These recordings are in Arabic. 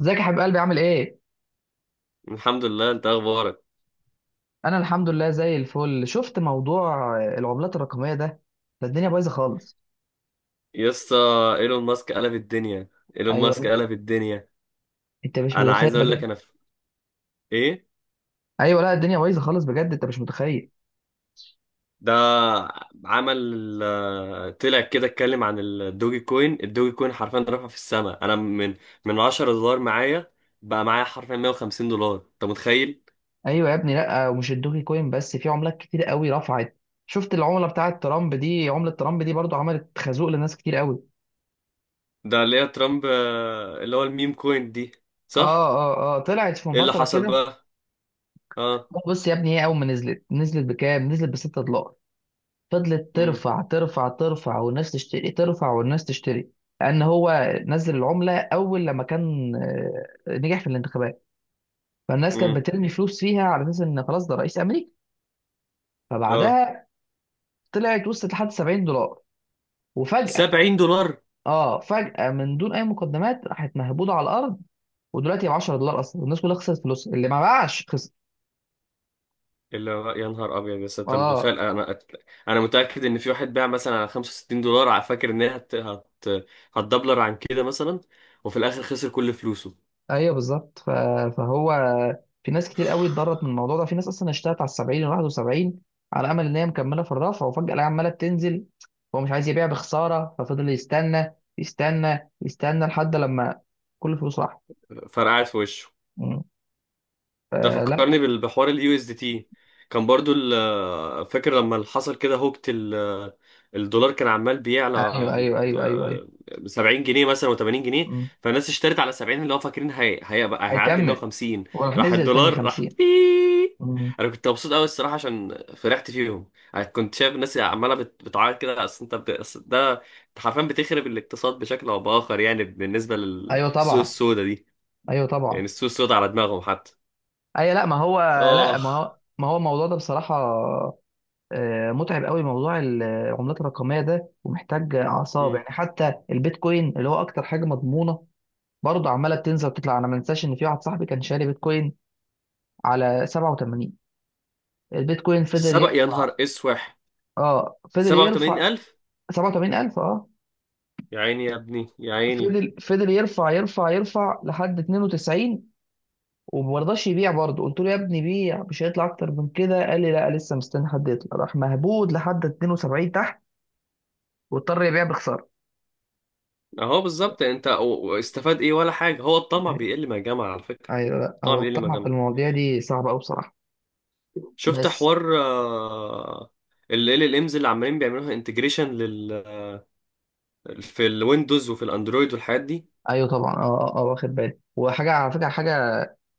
ازيك يا حبيب قلبي، عامل ايه؟ الحمد لله. انت اخبارك؟ انا الحمد لله زي الفل. شفت موضوع العملات الرقميه ده، الدنيا بايظه خالص. يا اسطى، ايلون ماسك قلب الدنيا. ايلون ايوه، ماسك لا. قلب الدنيا. انت مش انا متخيل عايز اقول بجد. لك، انا في ايه، ايوه، لا، الدنيا بايظه خالص بجد، انت مش متخيل. ده عمل، طلع كده. اتكلم عن الدوجي كوين. الدوجي كوين حرفيا رفع في السماء. انا من $10 معايا، بقى معايا حرفيا $150. انت متخيل؟ ايوه يا ابني، لا، ومش الدوكي كوين بس، في عملات كتير قوي رفعت. شفت العمله بتاعه ترامب دي؟ عمله ترامب دي برضو عملت خازوق لناس كتير قوي. ده اللي هي ترامب، اللي هو الميم كوين دي، اه. صح. اه طلعت في ايه اللي فتره حصل كده. بقى؟ اه. بص يا ابني، هي اول ما نزلت، نزلت بكام؟ نزلت ب 6 دولار. فضلت امم. ترفع ترفع ترفع والناس تشتري، ترفع والناس تشتري. لأن هو نزل العملة أول لما كان، نجح في الانتخابات. فالناس كانت امم. بترمي فلوس فيها على أساس إن خلاص ده رئيس أمريكا. اه. فبعدها طلعت، وصلت لحد 70 دولار. وفجأة، $70؟ اه، فجأة من دون أي مقدمات راحت مهبوطة على الأرض. ودلوقتي ب 10 دولار أصلا، والناس كلها خسرت فلوس، اللي ما باعش خسر. اللي هو يا نهار ابيض. بس انت اه. متخيل؟ انا متاكد ان في واحد باع مثلا على $65، على فاكر ان هي هتدبلر عن كده مثلا، وفي الاخر خسر كل فلوسه. ايوه بالظبط. فهو في ناس كتير قوي اتضرت من الموضوع ده. في ناس اصلا اشتغلت على ال 70 وال 71 على امل ان هي مكمله في الرفع، وفجاه الاقيها عماله بتنزل. هو مش عايز يبيع بخساره، ففضل يستنى يستنى يستنى لحد لما كل فلوسه راحت. فرقعت في وشه. مم. ده آه، فكرني لا. بحوار اليو اس دي تي. كان برضو فاكر لما اللي حصل كده هوكت الدولار، كان عمال بيعلى، ايوه، ايوه، ايوه، ايوه، ايوه. آه، 70 جنيه مثلا و80 جنيه. مم. فالناس اشترت على 70، اللي هو فاكرين هيبقى هيعدي هيكمل. 150. وراح راح نزل تاني الدولار راح 50. بيييي. مم. انا كنت مبسوط قوي الصراحه عشان فرحت فيهم. أنا كنت شايف الناس عماله بتعيط كده. اصل انت أصل ده أنت حرفيا بتخرب الاقتصاد بشكل او باخر، يعني بالنسبه ايوه للسوق طبعا. السوداء دي، ايوه طبعا. يعني السوق السوداء على دماغهم حتى. ايوه، لا آه. ما هو ما هو الموضوع ده بصراحه متعب قوي. موضوع العملات الرقميه ده ومحتاج اعصاب، مم. يعني حتى البيتكوين اللي هو اكتر حاجه مضمونه برضه عماله بتنزل وتطلع. انا ما انساش ان في واحد صاحبي كان شاري بيتكوين على 87. البيتكوين فضل سبق يا يرفع. نهار اسوح؟ اه، فضل يرفع. 87,000؟ 87,000. اه. يا عيني يا ابني يا عيني. فضل يرفع يرفع يرفع لحد 92، وما رضاش يبيع برضه. قلت له يا ابني بيع، مش هيطلع اكتر من كده. قال لي لا، لسه مستني حد يطلع. راح مهبود لحد 72 تحت، واضطر يبيع بخساره. اهو بالظبط. استفاد ايه ولا حاجه. هو الطمع بيقل ما جمع على فكره. ايوه، لا، الطمع هو بيقل ما الطمع في جمع. المواضيع دي صعبه قوي بصراحه. شفت بس حوار، ال امز اللي عمالين بيعملوها انتجريشن لل، في الويندوز وفي الاندرويد والحاجات دي. ايوه طبعا. واخد بالي. وحاجه على فكره، حاجه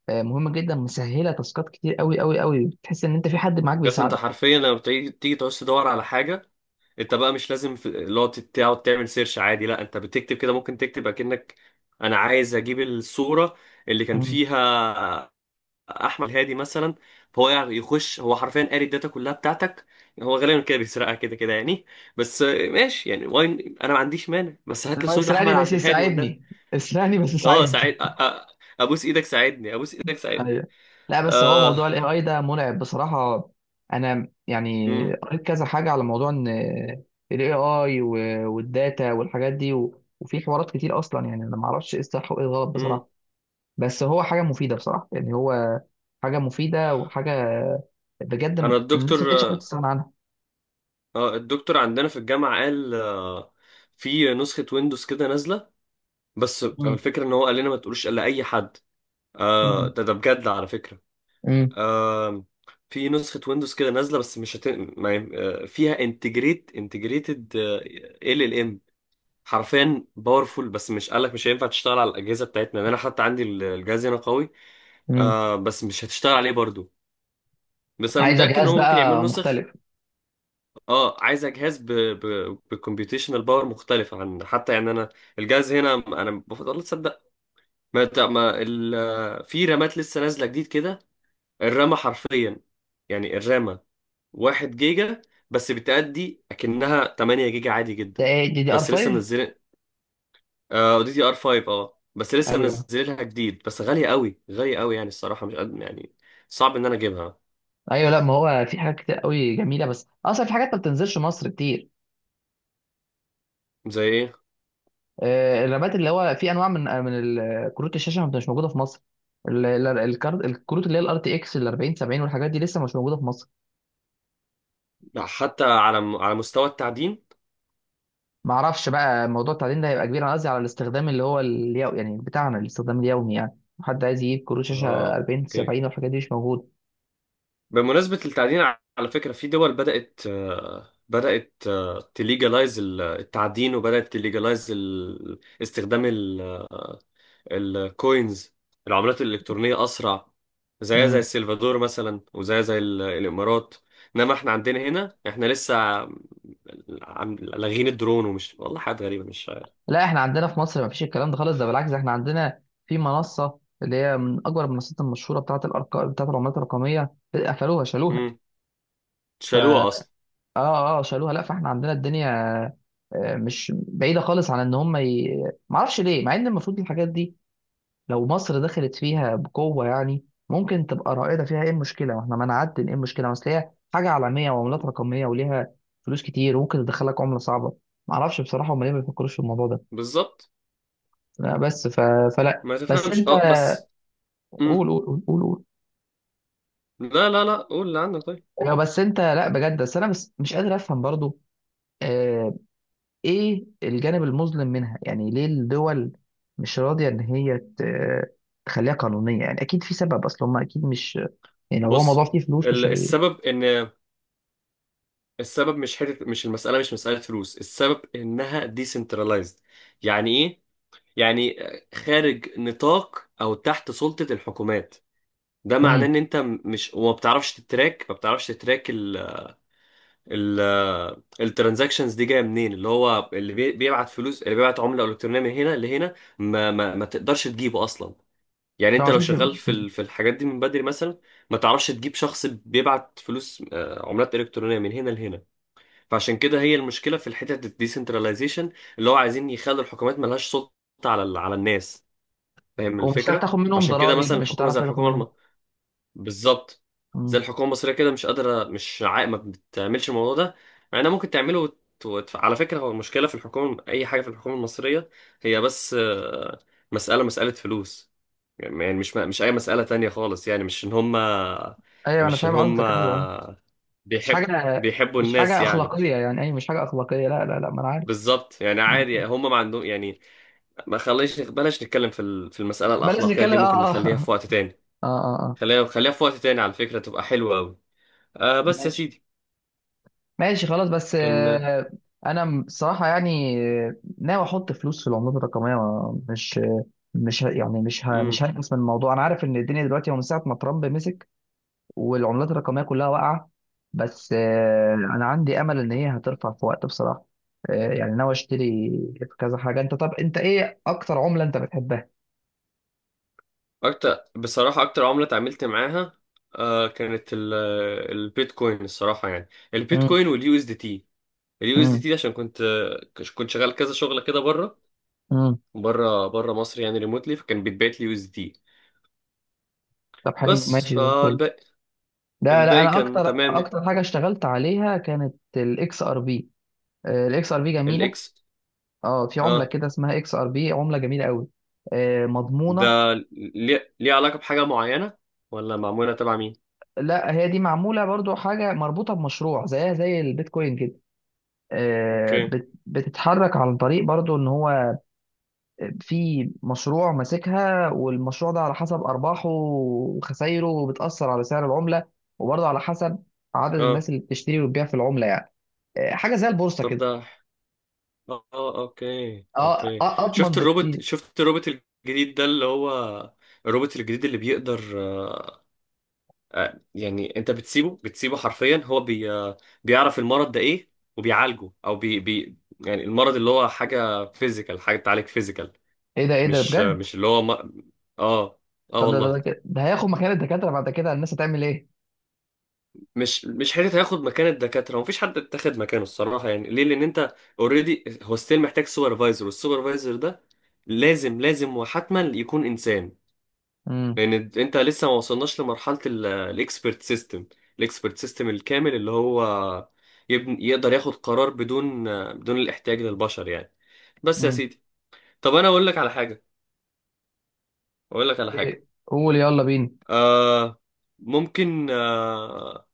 مهمه جدا، مسهله تاسكات كتير قوي قوي قوي. بتحس ان انت في حد معاك بس انت بيساعدك. حرفيا لما تيجي تعوز تدور على حاجه، انت بقى مش لازم تقعد تعمل سيرش عادي. لا، انت بتكتب كده. ممكن تكتب اكنك انا عايز اجيب الصوره اللي كان مم. فيها احمد هادي مثلا. فهو يعني يخش، هو حرفيا قاري الداتا كلها بتاعتك. هو غالبا كده بيسرقها كده كده يعني. بس ماشي يعني، واين انا ما عنديش مانع. بس هات اللي لي هو صورة احمد اسرقني بس عبد الهادي والنبي. يساعدني. اسرقني بس اه، ساعد يساعدني. ابوس ايدك ساعدني. ابوس ايدك ساعدني. ايوه. لا، بس هو اه. موضوع الاي اي ده مرعب بصراحه. انا يعني امم. قريت كذا حاجه على موضوع ان الاي اي والداتا والحاجات دي، وفي حوارات كتير اصلا، يعني انا ما اعرفش ايه الصح وايه الغلط امم. بصراحه. بس هو حاجه مفيده بصراحه، يعني هو حاجه مفيده، وحاجه بجد، انا الدكتور، الناس ما بقتش عارفه تستغنى عنها. اه الدكتور عندنا في الجامعة قال، في نسخة ويندوز كده نازلة. بس مم. الفكرة ان هو قال لنا ما تقولوش الا اي حد. آه، مم. ده بجد على فكرة. مم. آم، في نسخة ويندوز كده نازلة، بس مش هت... ما... آه، فيها انتجريت انتجريتد ال ام، حرفيا باورفول. بس مش قالك مش هينفع تشتغل على الأجهزة بتاعتنا. يعني انا حتى عندي الجهاز هنا قوي، مم. آه، بس مش هتشتغل عليه برضو. بس انا عايزه متأكد ان جهاز هو ممكن بقى يعملوا نسخ. مختلف. اه، عايزة جهاز بكمبيوتيشنال باور مختلف. عن حتى يعني انا الجهاز هنا انا بفضل تصدق ما... ت- ما... ال... آه، في رامات لسه نازلة جديد كده. الرامة حرفيا، يعني الرامة، 1 جيجا، بس بتأدي أكنها 8 جيجا عادي ده جدا. ايه، دي دي ار بس لسه 5؟ منزلين، آه، دي دي ار 5. اه بس لسه ايوه. منزلينها جديد، بس غالية قوي غالية قوي، يعني الصراحة مش قد يعني. صعب إن أنا أجيبها. ايوه، لا ما هو في حاجات كتير قوي جميله، بس اصلا في حاجات ما بتنزلش مصر كتير. زي إيه؟ الرامات، اللي هو في انواع من، كروت الشاشه مش موجوده في مصر. ال- ال- الكارت الكروت اللي هي الار تي اكس ال 40 70 والحاجات دي لسه مش موجوده في مصر. لا، حتى على على مستوى التعدين. ما اعرفش بقى موضوع التعدين ده هيبقى كبير، انا قصدي على الاستخدام اللي هو اليوم يعني بتاعنا، الاستخدام اليومي يعني. حد عايز يجيب كروت شاشه اه، 40 اوكي. 70 والحاجات دي مش موجوده. بمناسبة التعدين، على فكرة في دول بدأت، تليجلايز التعدين، وبدأت تليجلايز استخدام الكوينز، العملات الإلكترونية أسرع. زيها زي امم. السلفادور مثلا، وزيها زي الإمارات. إنما إحنا عندنا هنا إحنا لسه لاغين الدرون، ومش والله حاجات غريبة مش. لا، احنا عندنا في مصر ما فيش الكلام ده خالص، ده بالعكس، احنا عندنا في منصه اللي هي من اكبر المنصات المشهوره بتاعه الارقام بتاعه العملات الرقميه قفلوها، شالوها. امم. ف، شالوها أصلا. اه اه، شالوها. لا، فاحنا عندنا الدنيا مش بعيده خالص عن ان هم ما اعرفش ليه، مع ان المفروض الحاجات دي لو مصر دخلت فيها بقوة يعني ممكن تبقى رائدة فيها. ايه المشكلة واحنا ما نعدل؟ ايه المشكلة؟ بس هي حاجة عالمية، وعملات رقمية وليها فلوس كتير، وممكن تدخلك عملة صعبة. معرفش بصراحة هم ليه ما بيفكروش في الموضوع ده. بالظبط. لا بس، ف... فلا ما بس تفهمش، انت أه بس. امم. قول قول قول قول قول. لا لا لا، قول اللي عندك. طيب، ايوه بس انت، لا بجد، بس انا بس مش قادر افهم برضو. آه. ايه الجانب المظلم منها؟ يعني ليه الدول مش راضية ان هي تخليها قانونية؟ يعني اكيد في سبب، اصل هم اكيد مش، يعني لو هو موضوع بص، فيه فلوس، مش هي. السبب إن السبب، مش حتة، مش المسألة، مش مسألة فلوس. السبب إنها ديسنترلايزد. يعني إيه؟ يعني خارج نطاق او تحت سلطة الحكومات. ده معناه مم. ان انت، مش، وما بتعرفش تتراك. ما بتعرفش تتراك ال الترانزاكشنز دي جايه منين. اللي هو اللي بيبعت فلوس، اللي بيبعت عمله الكترونيه من هنا لهنا، ما تقدرش تجيبه اصلا. يعني انت فما لو فيش. شغال في في الحاجات دي من بدري مثلا، ما تعرفش تجيب شخص بيبعت فلوس، عملات الكترونيه من هنا لهنا. فعشان كده هي المشكله في الحته الديسنتراليزيشن، اللي هو عايزين يخلوا الحكومات ملهاش سلطه على على الناس. فاهم ومش هتعرف الفكرة؟ تاخد منهم فعشان كده مثلا ضرائب، مش الحكومة، هتعرف زي تاخد الحكومة منهم. بالظبط. زي مم. الحكومة المصرية كده، مش قادرة، مش عا... ما بتعملش الموضوع ده، مع انها ممكن تعمله على فكرة هو المشكلة في الحكومة، أي حاجة في الحكومة المصرية، هي بس، مسألة فلوس. يعني مش أي مسألة تانية خالص. يعني مش إن هما ايوه، انا مش إن فاهم قصدك، ايوه. هما مش بيحب حاجه، بيحبوا مش الناس حاجه يعني. اخلاقيه يعني اي مش حاجه اخلاقيه، لا لا لا، ما انا عارف. بالظبط، يعني مم. عادي هما ما عندهم يعني. ما خليش، بلاش نتكلم في في المسألة بلاش الأخلاقية نتكلم. دي، ممكن اه نخليها اه. في وقت تاني. اه اه آه. خليها خليها في وقت تاني، على فكرة تبقى حلوة أوي. آه، بس يا ماشي. سيدي ماشي خلاص، بس كان. انا، الصراحه يعني، ناوي احط فلوس في العملات الرقميه. مش، يعني مم. مش هنقص من الموضوع. انا عارف ان الدنيا دلوقتي، هو من ساعه ما ترامب مسك والعملات الرقمية كلها واقعة، بس أنا عندي أمل إن هي هترفع في وقت بصراحة. يعني ناوي أشتري في كذا حاجة. أنت، طب أنت إيه أكتر عملة أنت بتحبها؟ أكتر بصراحة، أكتر عملة اتعاملت معاها، آه، كانت البيتكوين الصراحة. يعني مم. البيتكوين واليو اس دي تي. اليو اس دي مم. تي عشان كنت شغال كذا شغلة كده بره. مم. بره بره مصر، يعني ريموتلي، فكان بيتبعت لي يو اس دي تي. طب حلو، بس ماشي، زي الفل. فالباقي، لا لا، الباقي أنا كان أكتر تمام. أكتر حاجة اشتغلت عليها كانت الإكس آر بي. الإكس آر بي جميلة. الإكس. أه، في عملة اه، كده اسمها إكس آر بي، عملة جميلة قوي، ده، مضمونة. ليه علاقة بحاجة معينة، ولا معمولة تبع مين؟ لا، هي دي معمولة برضو حاجة مربوطة بمشروع زيها زي البيتكوين كده، اوكي. بتتحرك عن طريق برضو ان هو في مشروع ماسكها، والمشروع ده على حسب ارباحه وخسايره، وبتاثر على سعر العمله، وبرضو على حسب عدد اه، الناس اللي بتشتري وتبيع في العمله يعني. حاجه زي البورصه طب كده. ده، اه، اوكي اه، اوكي. اضمن بكتير. شفت الروبوت الجديد ده، اللي هو الروبوت الجديد اللي بيقدر، يعني انت بتسيبه حرفيا هو، بي آه، بيعرف المرض ده ايه وبيعالجه، او بي, بي يعني المرض اللي هو حاجة فيزيكال، حاجة تعالج فيزيكال، ايه ده؟ ايه ده مش، بجد؟ مش اللي هو ما... اه. اه طب والله. ده هياخد مكان الدكاتره، بعد كده الناس هتعمل ايه؟ مش حته هياخد مكان الدكاتره، ومفيش حد اتاخد مكانه الصراحه، يعني ليه؟ لان انت اوريدي هو ستيل محتاج سوبرفايزر، والسوبرفايزر ده لازم لازم، وحتما يكون انسان. امم. لان انت لسه ما وصلناش لمرحله الاكسبرت سيستم، الاكسبرت سيستم الكامل، اللي هو يبن يقدر ياخد قرار بدون، الاحتياج للبشر يعني. بس يا امم. سيدي، طب انا اقول لك على حاجه، اقول لك على حاجه. إيه؟ قول يلا بينا. آه، ممكن،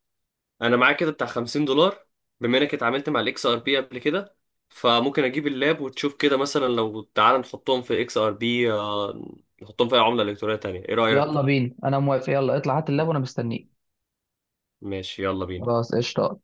انا معايا كده بتاع $50. بما انك اتعاملت مع الاكس ار بي قبل كده، فممكن اجيب اللاب وتشوف كده مثلا. لو تعال نحطهم في اكس ار بي، نحطهم في اي عملة الكترونية تانية. ايه رأيك؟ يلا بينا، انا موافق. يلا اطلع هات اللاب وانا مستنيك. ماشي، يلا بينا. خلاص، قشطه.